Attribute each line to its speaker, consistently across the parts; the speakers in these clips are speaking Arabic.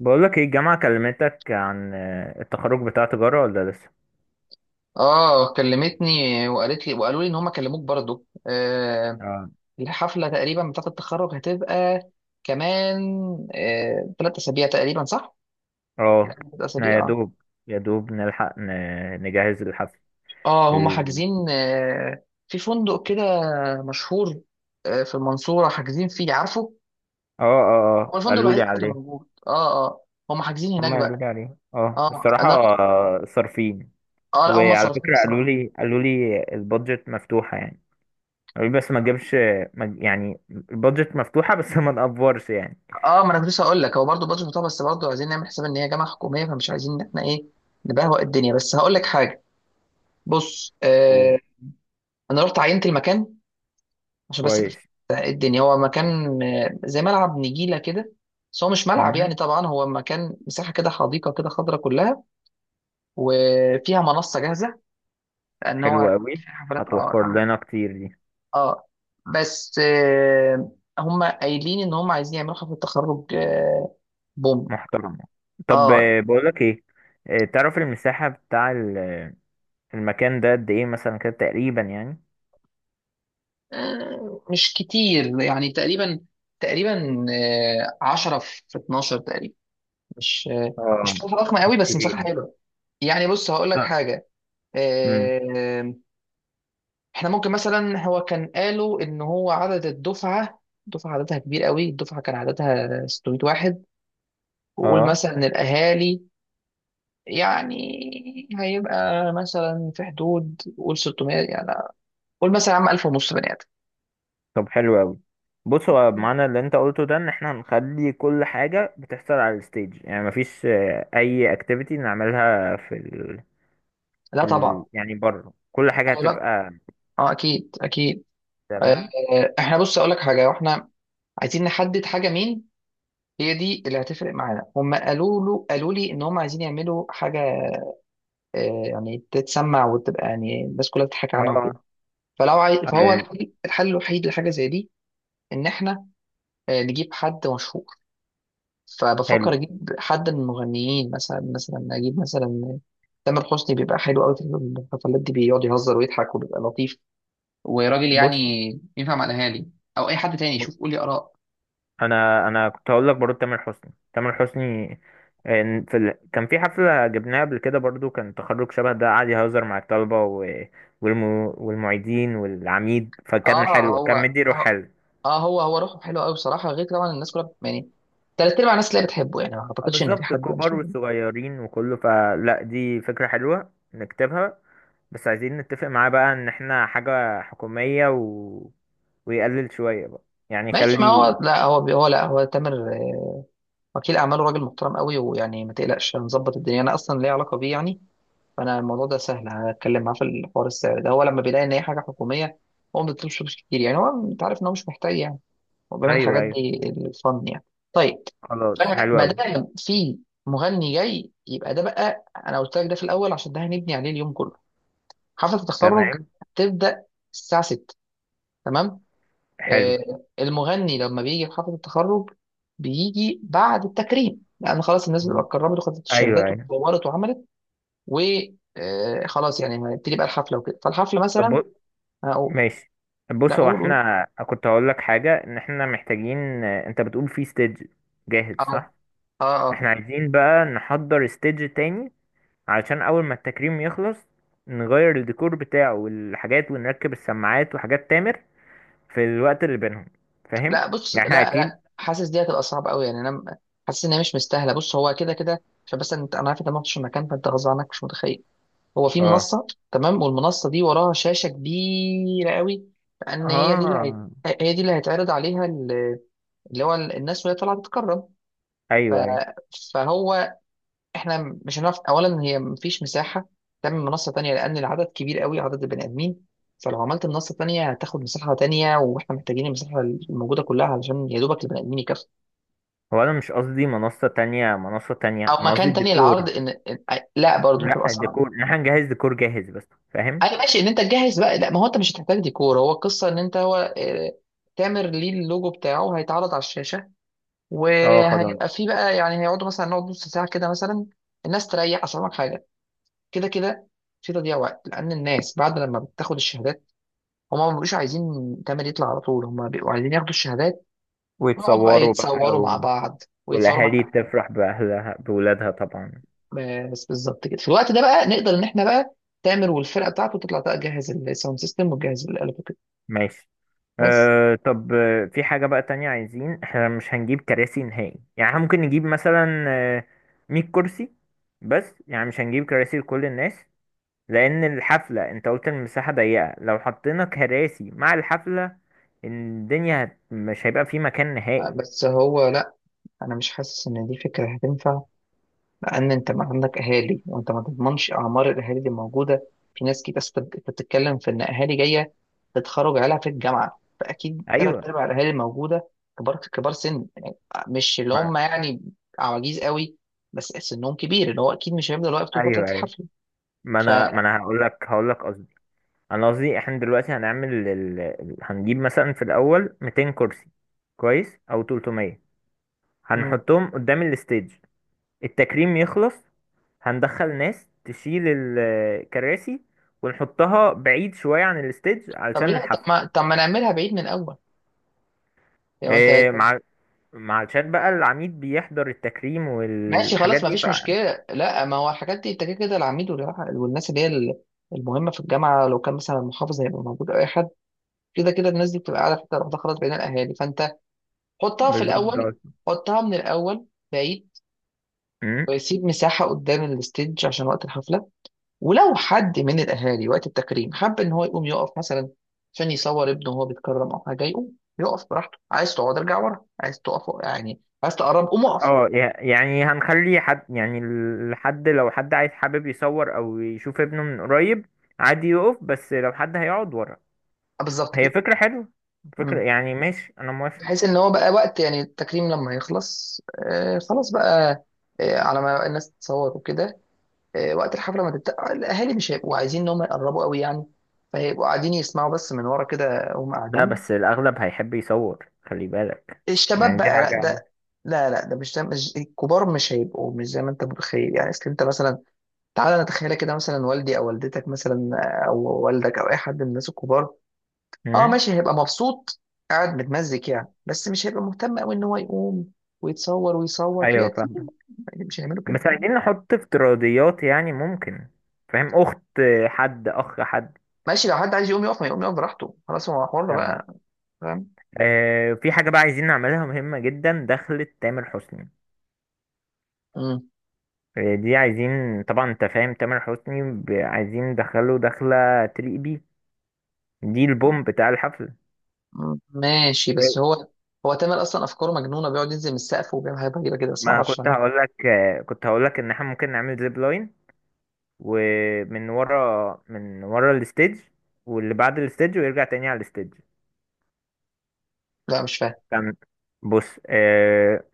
Speaker 1: بقولك ايه الجامعة كلمتك عن التخرج بتاع تجارة ولا لسه؟
Speaker 2: اه، كلمتني وقالت لي وقالوا لي ان هم كلموك برضو.
Speaker 1: اه،
Speaker 2: الحفله تقريبا بتاعه التخرج هتبقى كمان 3 اسابيع تقريبا، صح؟
Speaker 1: اه،
Speaker 2: ثلاث
Speaker 1: احنا
Speaker 2: اسابيع
Speaker 1: يا
Speaker 2: اه.
Speaker 1: دوب يا دوب نلحق نجهز الحفل.
Speaker 2: اه هم
Speaker 1: ال-
Speaker 2: حاجزين في فندق كده مشهور في المنصوره، حاجزين فيه، عارفه؟
Speaker 1: اه، اه،
Speaker 2: هو
Speaker 1: اه،
Speaker 2: الفندق
Speaker 1: قالوا
Speaker 2: الوحيد
Speaker 1: لي
Speaker 2: أصلاً اللي
Speaker 1: عليه.
Speaker 2: موجود. اه هم حاجزين هناك
Speaker 1: هما قالوا لي
Speaker 2: بقى.
Speaker 1: عليه، اه
Speaker 2: اه،
Speaker 1: الصراحة،
Speaker 2: انا رحت.
Speaker 1: صارفين.
Speaker 2: اه لا، هم
Speaker 1: وعلى
Speaker 2: صارفين
Speaker 1: فكرة قالوا
Speaker 2: بصراحه.
Speaker 1: لي قالوا لي البادجت مفتوحة يعني. قالوا لي بس ما تجيبش، ما تج- يعني البادجت مفتوحة بس ما نقفرش يعني.
Speaker 2: اه، ما انا كنت لسه هقول لك، هو برضه بادجت بتاعه، بس برضه عايزين نعمل حساب ان هي جامعه حكوميه، فمش عايزين ان احنا ايه، نبهوأ الدنيا. بس هقول لك حاجه، بص.
Speaker 1: و-
Speaker 2: انا رحت عينت المكان، عشان بس
Speaker 1: كويس.
Speaker 2: الدنيا. هو مكان، زي ملعب نجيله كده، بس هو مش ملعب
Speaker 1: مم،
Speaker 2: يعني، طبعا هو مكان مساحه كده، حديقه كده خضراء كلها، وفيها منصه جاهزه، لان
Speaker 1: حلو
Speaker 2: هو
Speaker 1: قوي،
Speaker 2: في حفلات، اه
Speaker 1: هتوفر
Speaker 2: طبعا.
Speaker 1: لنا كتير دي
Speaker 2: اه، بس، هم قايلين ان هم عايزين يعملوا حفله تخرج. بوم.
Speaker 1: محترمة. طب
Speaker 2: اه،
Speaker 1: بقولك ايه، تعرف المساحة بتاع المكان ده قد ايه مثلا كده تقريبا يعني.
Speaker 2: مش كتير يعني، تقريبا تقريبا 10 في 12 تقريبا. مش مش
Speaker 1: اه،
Speaker 2: مساحه ضخمه
Speaker 1: مش
Speaker 2: قوي، بس مساحه
Speaker 1: كبيرة.
Speaker 2: حلوه. يعني بص هقول لك
Speaker 1: لا.
Speaker 2: حاجه.
Speaker 1: امم
Speaker 2: آه، احنا ممكن مثلا، هو كان قالوا ان هو عدد الدفعه، الدفعه عددها كبير قوي، الدفعه كان عددها 600 واحد. وقول
Speaker 1: اه
Speaker 2: مثلا ان الاهالي يعني، هيبقى مثلا في حدود قول 600 يعني، قول مثلا يا عم 1000 ونص بني ادم.
Speaker 1: طب حلو اوي. بص، هو معنى اللي انت قلته ده ان احنا هنخلي كل حاجة بتحصل على الستيج، يعني مفيش اي اكتيفيتي نعملها في
Speaker 2: لا طبعا.
Speaker 1: يعني بره كل حاجة
Speaker 2: قال لك
Speaker 1: هتبقى.
Speaker 2: اه، اكيد اكيد.
Speaker 1: تمام.
Speaker 2: احنا، بص، اقول لك حاجه، واحنا عايزين نحدد حاجه، مين هي دي اللي هتفرق معانا. هم قالوا لي ان هم عايزين يعملوا حاجه، يعني تتسمع، وتبقى يعني الناس كلها بتضحك عنها
Speaker 1: اه.
Speaker 2: وكده. فهو
Speaker 1: آه،
Speaker 2: الحل، الوحيد لحاجه زي دي، ان احنا نجيب حد مشهور. فبفكر
Speaker 1: حلو.
Speaker 2: اجيب حد من المغنيين، مثلا اجيب مثلا تامر حسني، بيبقى حلو قوي في الحفلات دي. بيقعد يهزر ويضحك، وبيبقى لطيف وراجل
Speaker 1: بص،
Speaker 2: يعني، ينفع مع الاهالي. او اي حد تاني، شوف قولي اراء.
Speaker 1: انا كنت هقول لك برضه تامر حسني، كان في حفله جبناها قبل كده برضه كان تخرج شبه ده، قعد يهزر مع الطلبه والم... والمعيدين والعميد، فكان
Speaker 2: اه
Speaker 1: حلوه، كان
Speaker 2: هو
Speaker 1: مدي روح
Speaker 2: اه،
Speaker 1: حلو.
Speaker 2: هو هو روحه حلوه قوي بصراحه، غير طبعا الناس كلها يعني، تلات ارباع الناس اللي بتحبه يعني، ما
Speaker 1: اه
Speaker 2: اعتقدش ان في
Speaker 1: بالظبط
Speaker 2: حد مش
Speaker 1: الكبار
Speaker 2: بيحبه.
Speaker 1: والصغيرين وكله، فلا دي فكره حلوه نكتبها. بس عايزين نتفق معاه بقى ان احنا حاجه حكوميه، ويقلل شويه بقى، يعني
Speaker 2: ماشي. ما
Speaker 1: يخلي.
Speaker 2: هو لا، هو تامر، وكيل اعماله راجل محترم قوي، ويعني ما تقلقش هنظبط الدنيا، انا اصلا ليا علاقه بيه يعني. فانا الموضوع ده سهل، هتكلم معاه في الحوار. السعر ده هو لما بيلاقي ان هي حاجه حكوميه، هو ما بيطلبش فلوس كتير يعني، هو انت عارف ان هو مش محتاج يعني، وبيعمل
Speaker 1: ايوه،
Speaker 2: الحاجات
Speaker 1: ايوه.
Speaker 2: دي، الفن يعني. طيب.
Speaker 1: خلاص
Speaker 2: فانا
Speaker 1: حلو
Speaker 2: ما
Speaker 1: قوي.
Speaker 2: دام في مغني جاي، يبقى ده بقى، انا قلت لك ده في الاول عشان ده هنبني عليه اليوم كله. حفله التخرج
Speaker 1: تمام.
Speaker 2: هتبدا الساعه 6، تمام.
Speaker 1: حلو.
Speaker 2: آه، المغني لما بيجي في حفله التخرج، بيجي بعد التكريم، لان خلاص الناس بتبقى اتكرمت وخدت
Speaker 1: ايوه،
Speaker 2: الشهادات
Speaker 1: ايوه.
Speaker 2: واتطورت وعملت، و خلاص يعني هنبتدي بقى الحفله وكده. فالحفله مثلا
Speaker 1: طب.
Speaker 2: هقول.
Speaker 1: ماشي.
Speaker 2: لا،
Speaker 1: بص، هو
Speaker 2: قول قول.
Speaker 1: احنا كنت هقول لك حاجة ان احنا محتاجين. انت بتقول في ستيج جاهز
Speaker 2: اه.
Speaker 1: صح؟
Speaker 2: اه،
Speaker 1: احنا عايزين بقى نحضر ستيج تاني علشان اول ما التكريم يخلص نغير الديكور بتاعه والحاجات، ونركب السماعات وحاجات تامر في الوقت اللي بينهم. فاهم؟
Speaker 2: لا، بص،
Speaker 1: يعني احنا
Speaker 2: لا، لا،
Speaker 1: اكيد.
Speaker 2: حاسس دي هتبقى صعبه قوي يعني، حاسس ان هي مش مستاهله. بص، هو كده كده، عشان بس انت، انا عارف انت ما رحتش المكان، فانت غصب عنك مش متخيل. هو في
Speaker 1: اه،
Speaker 2: منصه، تمام، والمنصه دي وراها شاشه كبيره قوي، لان
Speaker 1: اه،
Speaker 2: هي دي اللي هيتعرض عليها اللي هو الناس وهي طالعه تتكرم.
Speaker 1: ايوه، ايوه.
Speaker 2: فهو احنا مش هنعرف، اولا هي مفيش مساحه تعمل منصه تانية، لان العدد كبير قوي، عدد البني ادمين. فلو عملت منصه تانية هتاخد مساحه تانية، واحنا محتاجين المساحه الموجوده كلها، علشان يا دوبك البني ادمين يكفوا.
Speaker 1: هو انا مش قصدي منصة تانية، منصة تانية
Speaker 2: او
Speaker 1: انا قصدي
Speaker 2: مكان تاني العرض
Speaker 1: الديكور.
Speaker 2: ان لا برضه هتبقى
Speaker 1: لا
Speaker 2: صعب.
Speaker 1: الديكور ان احنا نجهز ديكور جاهز بس. فاهم؟
Speaker 2: ايوه ماشي، ان انت تجهز بقى. لا، ما هو انت مش هتحتاج ديكور، هو القصه ان انت هو، تامر ليه اللوجو بتاعه هيتعرض على الشاشه،
Speaker 1: اه خلاص.
Speaker 2: وهيبقى فيه بقى يعني، هيقعدوا مثلا، نقعد نص ساعه كده مثلا، الناس تريح. اصل أقول لك حاجه، كده كده في تضييع وقت، لان الناس بعد لما بتاخد الشهادات، هما ما بيبقوش عايزين تامر يطلع على طول، هما بيبقوا عايزين ياخدوا الشهادات ويقعدوا بقى
Speaker 1: ويتصوروا بقى.
Speaker 2: يتصوروا مع بعض، ويتصوروا
Speaker 1: والأهالي
Speaker 2: مع،
Speaker 1: تفرح بأهلها بولادها طبعا.
Speaker 2: بس بالظبط كده. في الوقت ده بقى نقدر ان احنا بقى تامر والفرقه بتاعته تطلع بقى، تجهز الساوند سيستم وتجهز الالات وكده.
Speaker 1: ماشي.
Speaker 2: بس.
Speaker 1: أه طب في حاجة بقى تانية عايزين، احنا مش هنجيب كراسي نهائي، يعني احنا ممكن نجيب مثلا 100 كرسي، بس يعني مش هنجيب كراسي لكل الناس، لأن الحفلة انت قلت المساحة ضيقة، لو حطينا كراسي مع الحفلة الدنيا مش هيبقى في مكان نهائي.
Speaker 2: بس هو لا، انا مش حاسس ان دي فكره هتنفع، لان انت ما عندك اهالي، وانت ما تضمنش اعمار الاهالي اللي موجوده. في ناس كتير، أصل انت أنت بتتكلم في ان اهالي جايه تتخرج عيالها في الجامعه، فاكيد ثلاث
Speaker 1: أيوة.
Speaker 2: ارباع الاهالي الموجوده كبار، كبار سن، مش اللي
Speaker 1: ما...
Speaker 2: هم يعني عواجيز قوي، بس سنهم كبير، اللي هو اكيد مش هيفضل واقف طول فتره
Speaker 1: أيوه، أيوه.
Speaker 2: الحفله.
Speaker 1: ما
Speaker 2: ف،
Speaker 1: أنا ما أنا هقول لك انا قصدي احنا دلوقتي هنعمل هنجيب مثلا في الاول 200 كرسي، كويس، او 300. هنحطهم قدام الستيج، التكريم يخلص هندخل ناس تشيل الكراسي ونحطها بعيد شوية عن الستيج
Speaker 2: طب
Speaker 1: علشان
Speaker 2: لا طب
Speaker 1: الحفلة.
Speaker 2: ما طب ما نعملها بعيد من الاول يعني. انت،
Speaker 1: إيه؟ مع، مع علشان بقى العميد بيحضر التكريم
Speaker 2: ماشي
Speaker 1: والحاجات
Speaker 2: خلاص ما
Speaker 1: دي
Speaker 2: فيش مشكله. لا، ما هو الحاجات دي انت كده كده العميد والناس اللي هي المهمه في الجامعه، لو كان مثلا المحافظ هيبقى موجود او اي حد، كده كده الناس دي بتبقى قاعده في حته لوحدها خلاص، بين الاهالي. فانت حطها في
Speaker 1: بالظبط ده
Speaker 2: الاول،
Speaker 1: قصدي.
Speaker 2: حطها من الاول بعيد، ويسيب مساحه قدام الستيج عشان وقت الحفله. ولو حد من الاهالي وقت التكريم حب ان هو يقوم يقف مثلا، عشان يصور ابنه وهو بيتكرم او حاجه، يقوم يقف براحته. عايز تقعد ارجع ورا، عايز تقف يعني، عايز تقرب قوم اقف.
Speaker 1: اه يعني هنخلي حد، يعني الحد لو حد عايز حابب يصور او يشوف ابنه من قريب عادي يقف، بس لو حد هيقعد ورا.
Speaker 2: بالظبط
Speaker 1: هي
Speaker 2: كده.
Speaker 1: فكرة حلوة. فكرة
Speaker 2: مم.
Speaker 1: يعني ماشي، انا موافق.
Speaker 2: بحيث ان هو بقى وقت يعني التكريم لما يخلص، خلاص بقى، على ما الناس تتصور وكده، وقت الحفله ما تبدا، الاهالي مش هيبقوا عايزين ان هم يقربوا قوي يعني، فهيبقوا قاعدين يسمعوا بس من ورا كده، وهم
Speaker 1: ده بس
Speaker 2: قاعدين.
Speaker 1: الاغلب هيحب يصور، خلي بالك.
Speaker 2: الشباب
Speaker 1: يعني دي
Speaker 2: بقى لا،
Speaker 1: حاجة.
Speaker 2: ده، لا لا، ده مش، ده مش الكبار، مش هيبقوا مش زي ما انت متخيل يعني. اصل انت مثلا، تعالى نتخيل كده مثلا والدي او والدتك مثلا، او والدك او اي حد من الناس الكبار. اه
Speaker 1: امم
Speaker 2: ماشي، هيبقى مبسوط قاعد متمزج يعني، بس مش هيبقى مهتم قوي ان هو يقوم ويتصور ويصوت
Speaker 1: ايوه
Speaker 2: ويأتي
Speaker 1: فاهم.
Speaker 2: يعني. مش هيعملوا كده،
Speaker 1: بس
Speaker 2: فاهم.
Speaker 1: عايزين نحط افتراضيات، يعني ممكن. فاهم؟ اخت حد، اخ حد.
Speaker 2: ماشي، لو حد عايز يقوم يقف ما يقوم يقف براحته، خلاص هو حر
Speaker 1: تمام.
Speaker 2: بقى. فاهم.
Speaker 1: آه في حاجة بقى عايزين نعملها مهمة جدا، دخلة تامر حسني.
Speaker 2: مم.
Speaker 1: هي دي عايزين طبعا، انت فاهم، تامر حسني عايزين ندخله دخلة تليق بيه، دي البوم بتاع الحفل.
Speaker 2: ماشي، بس هو، هو تامر اصلا افكاره مجنونه، بيقعد ينزل من السقف وبيعمل حاجات غريبه كده، بس
Speaker 1: ما
Speaker 2: ما
Speaker 1: انا
Speaker 2: اعرفش
Speaker 1: كنت
Speaker 2: انا.
Speaker 1: هقول لك كنت هقول لك ان احنا ممكن نعمل زيب لاين، ومن ورا، من ورا الستيج واللي بعد الستيج ويرجع تاني على الستيج.
Speaker 2: لا، مش فاهم.
Speaker 1: كان بص آه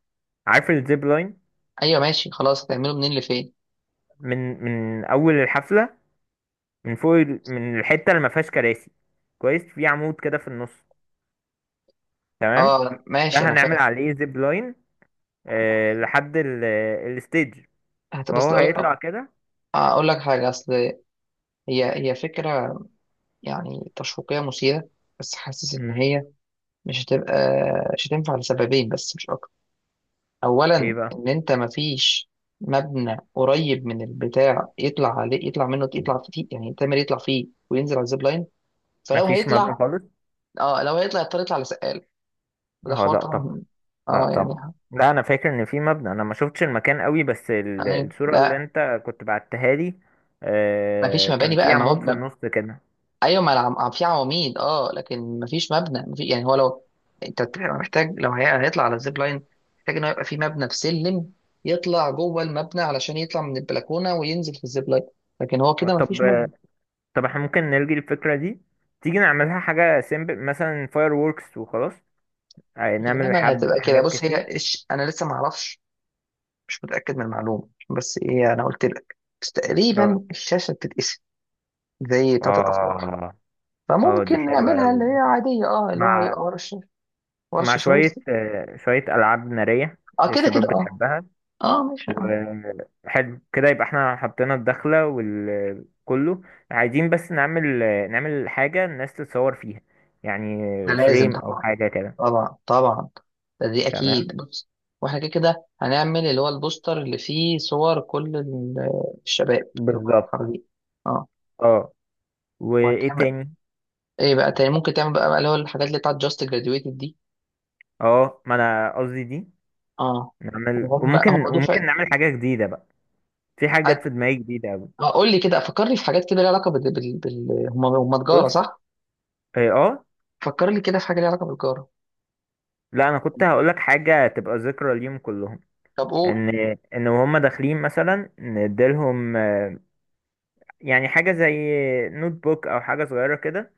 Speaker 1: عارف الزيب لاين،
Speaker 2: ايوه ماشي خلاص، هتعمله منين لفين.
Speaker 1: من اول الحفلة من فوق من الحتة اللي ما فيهاش كراسي، كويس، في عمود كده في النص. تمام،
Speaker 2: اه
Speaker 1: ده
Speaker 2: ماشي انا
Speaker 1: هنعمل
Speaker 2: فاهم.
Speaker 1: عليه زيب لاين لحد الستيج،
Speaker 2: هت- بس
Speaker 1: فهو
Speaker 2: اقول لك،
Speaker 1: هيطلع كده.
Speaker 2: حاجه. اصل هي، هي فكره يعني تشويقيه مثيره، بس حاسس ان
Speaker 1: مم.
Speaker 2: هي مش هتبقى مش هتنفع لسببين بس مش اكتر.
Speaker 1: ايه
Speaker 2: اولا،
Speaker 1: بقى؟
Speaker 2: ان انت مفيش مبنى قريب من البتاع يطلع عليه، يطلع فيه يعني، تامر يطلع فيه وينزل على الزيب لاين. فلو
Speaker 1: مفيش مبنى
Speaker 2: هيطلع،
Speaker 1: خالص.
Speaker 2: اه لو هيطلع يضطر يطلع على سقاله، وده
Speaker 1: اه
Speaker 2: حوار
Speaker 1: لا طبعا.
Speaker 2: طبعا.
Speaker 1: لا
Speaker 2: اه يعني.
Speaker 1: طبعا. لا انا فاكر ان في مبنى، انا ما شفتش المكان قوي بس
Speaker 2: ايوه.
Speaker 1: الصورة اللي
Speaker 2: لا،
Speaker 1: انت كنت بعتها لي
Speaker 2: مفيش مباني
Speaker 1: كان في
Speaker 2: بقى، ما
Speaker 1: عمود في
Speaker 2: هو،
Speaker 1: النص كده.
Speaker 2: ايوه ما في عواميد، اه، لكن مفيش مبنى يعني هو لو انت يعني محتاج لو هيطلع على الزيب لاين، محتاج انه يبقى في مبنى في سلم، يطلع جوه المبنى علشان يطلع من البلكونه وينزل في الزيب لاين، لكن هو كده مفيش
Speaker 1: طب،
Speaker 2: مبنى.
Speaker 1: طب احنا ممكن نلغي الفكرة دي، تيجي نعملها حاجة سيمبل مثلا فاير ووركس وخلاص. نعمل
Speaker 2: غالبا
Speaker 1: حب
Speaker 2: هتبقى كده.
Speaker 1: حاجات
Speaker 2: بص هي،
Speaker 1: كتير.
Speaker 2: انا لسه ما اعرفش، مش متاكد من المعلومه، بس ايه انا قلت لك، بس
Speaker 1: اه،
Speaker 2: تقريبا الشاشه بتتقسم زي بتاعت الافراح،
Speaker 1: اه، اه دي
Speaker 2: فممكن
Speaker 1: حلوة
Speaker 2: نعملها
Speaker 1: قوي.
Speaker 2: اللي هي عاديه، اه اللي هو
Speaker 1: مع،
Speaker 2: هيبقى ورا الشاشه، ورا
Speaker 1: مع
Speaker 2: الشاشه
Speaker 1: شوية
Speaker 2: وسط.
Speaker 1: شوية ألعاب نارية،
Speaker 2: اه كده كده
Speaker 1: الشباب
Speaker 2: اه.
Speaker 1: بتحبها.
Speaker 2: اه ماشي آه.
Speaker 1: وحلو كده، يبقى احنا حطينا الدخلة وكله. عايزين بس نعمل، نعمل حاجة الناس تتصور فيها، يعني
Speaker 2: ده لازم
Speaker 1: فريم أو
Speaker 2: طبعا.
Speaker 1: حاجة كده.
Speaker 2: طبعا طبعا، دي اكيد.
Speaker 1: تمام
Speaker 2: بص، واحنا كده كده هنعمل اللي هو البوستر اللي فيه صور كل الشباب اللي هم
Speaker 1: بالظبط.
Speaker 2: متخرجين. اه.
Speaker 1: اه. وإيه
Speaker 2: وهتعمل
Speaker 1: تاني؟
Speaker 2: ايه بقى تاني، ممكن تعمل بقى اللي هو الحاجات اللي بتاعت جاست جراديويتد دي.
Speaker 1: اه ما أنا قصدي دي.
Speaker 2: اه.
Speaker 1: نعمل،
Speaker 2: وهم هم
Speaker 1: وممكن
Speaker 2: دفعه.
Speaker 1: نعمل حاجة جديدة بقى. في حاجة جت
Speaker 2: عد-
Speaker 1: في دماغي جديدة أوي.
Speaker 2: اه قول لي كده، فكرني في حاجات كده ليها علاقه هم هم تجاره
Speaker 1: بص.
Speaker 2: صح؟
Speaker 1: اه.
Speaker 2: فكر لي كده في حاجه ليها علاقه بالتجاره.
Speaker 1: لا أنا كنت هقولك حاجة تبقى ذكرى ليهم كلهم،
Speaker 2: طب قول.
Speaker 1: ان ان وهم داخلين مثلا نديلهم يعني حاجه زي نوت بوك او حاجه صغيره كده،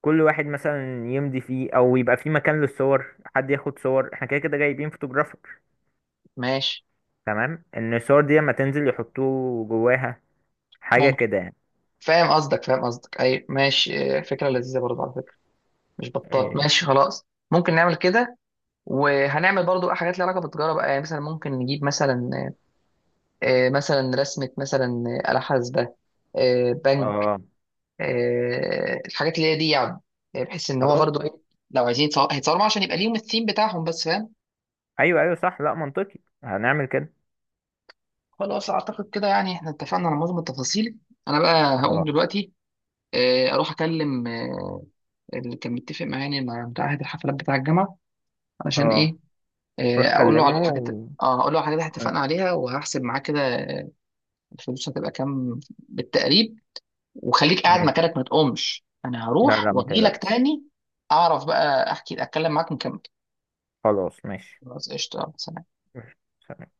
Speaker 1: كل واحد مثلا يمضي فيه او يبقى فيه مكان للصور، حد ياخد صور احنا كده كده جايبين فوتوغرافر.
Speaker 2: ماشي
Speaker 1: تمام ان الصور دي لما تنزل يحطوه جواها، حاجه
Speaker 2: ممكن.
Speaker 1: كده يعني.
Speaker 2: فاهم قصدك، اي ماشي، فكره لذيذه برضه على فكره، مش بطال،
Speaker 1: إيه.
Speaker 2: ماشي خلاص ممكن نعمل كده. وهنعمل برضو بقى حاجات ليها علاقه بالتجاره بقى، يعني مثلا ممكن نجيب مثلا، مثلا رسمه مثلا، آلة حاسبه، بنك،
Speaker 1: اه
Speaker 2: الحاجات اللي هي دي يعني، بحيث ان هو
Speaker 1: خلاص.
Speaker 2: برضو ايه، لو هيتصوروا معاه عشان يبقى ليهم الثيم بتاعهم بس، فاهم.
Speaker 1: ايوه، ايوه صح، لا منطقي هنعمل كده.
Speaker 2: خلاص اعتقد كده، يعني احنا اتفقنا على معظم التفاصيل. انا بقى هقوم
Speaker 1: اه،
Speaker 2: دلوقتي، اروح اكلم اللي كان متفق معايا، يعني مع بتاع هيئة الحفلات بتاع الجامعه، علشان
Speaker 1: اه
Speaker 2: ايه،
Speaker 1: روح
Speaker 2: اقول له
Speaker 1: كلمه
Speaker 2: على الحاجات. اه، اقول له على الحاجات اللي اتفقنا عليها، وهحسب معاك كده الفلوس هتبقى كام بالتقريب. وخليك قاعد
Speaker 1: ماشي،
Speaker 2: مكانك ما تقومش، انا
Speaker 1: لا،
Speaker 2: هروح
Speaker 1: لا ما
Speaker 2: واجي لك
Speaker 1: تقلقش.
Speaker 2: تاني. اعرف بقى احكي اتكلم معاك ونكمل.
Speaker 1: خلاص ماشي.
Speaker 2: خلاص، قشطه، سلام.
Speaker 1: ماشي.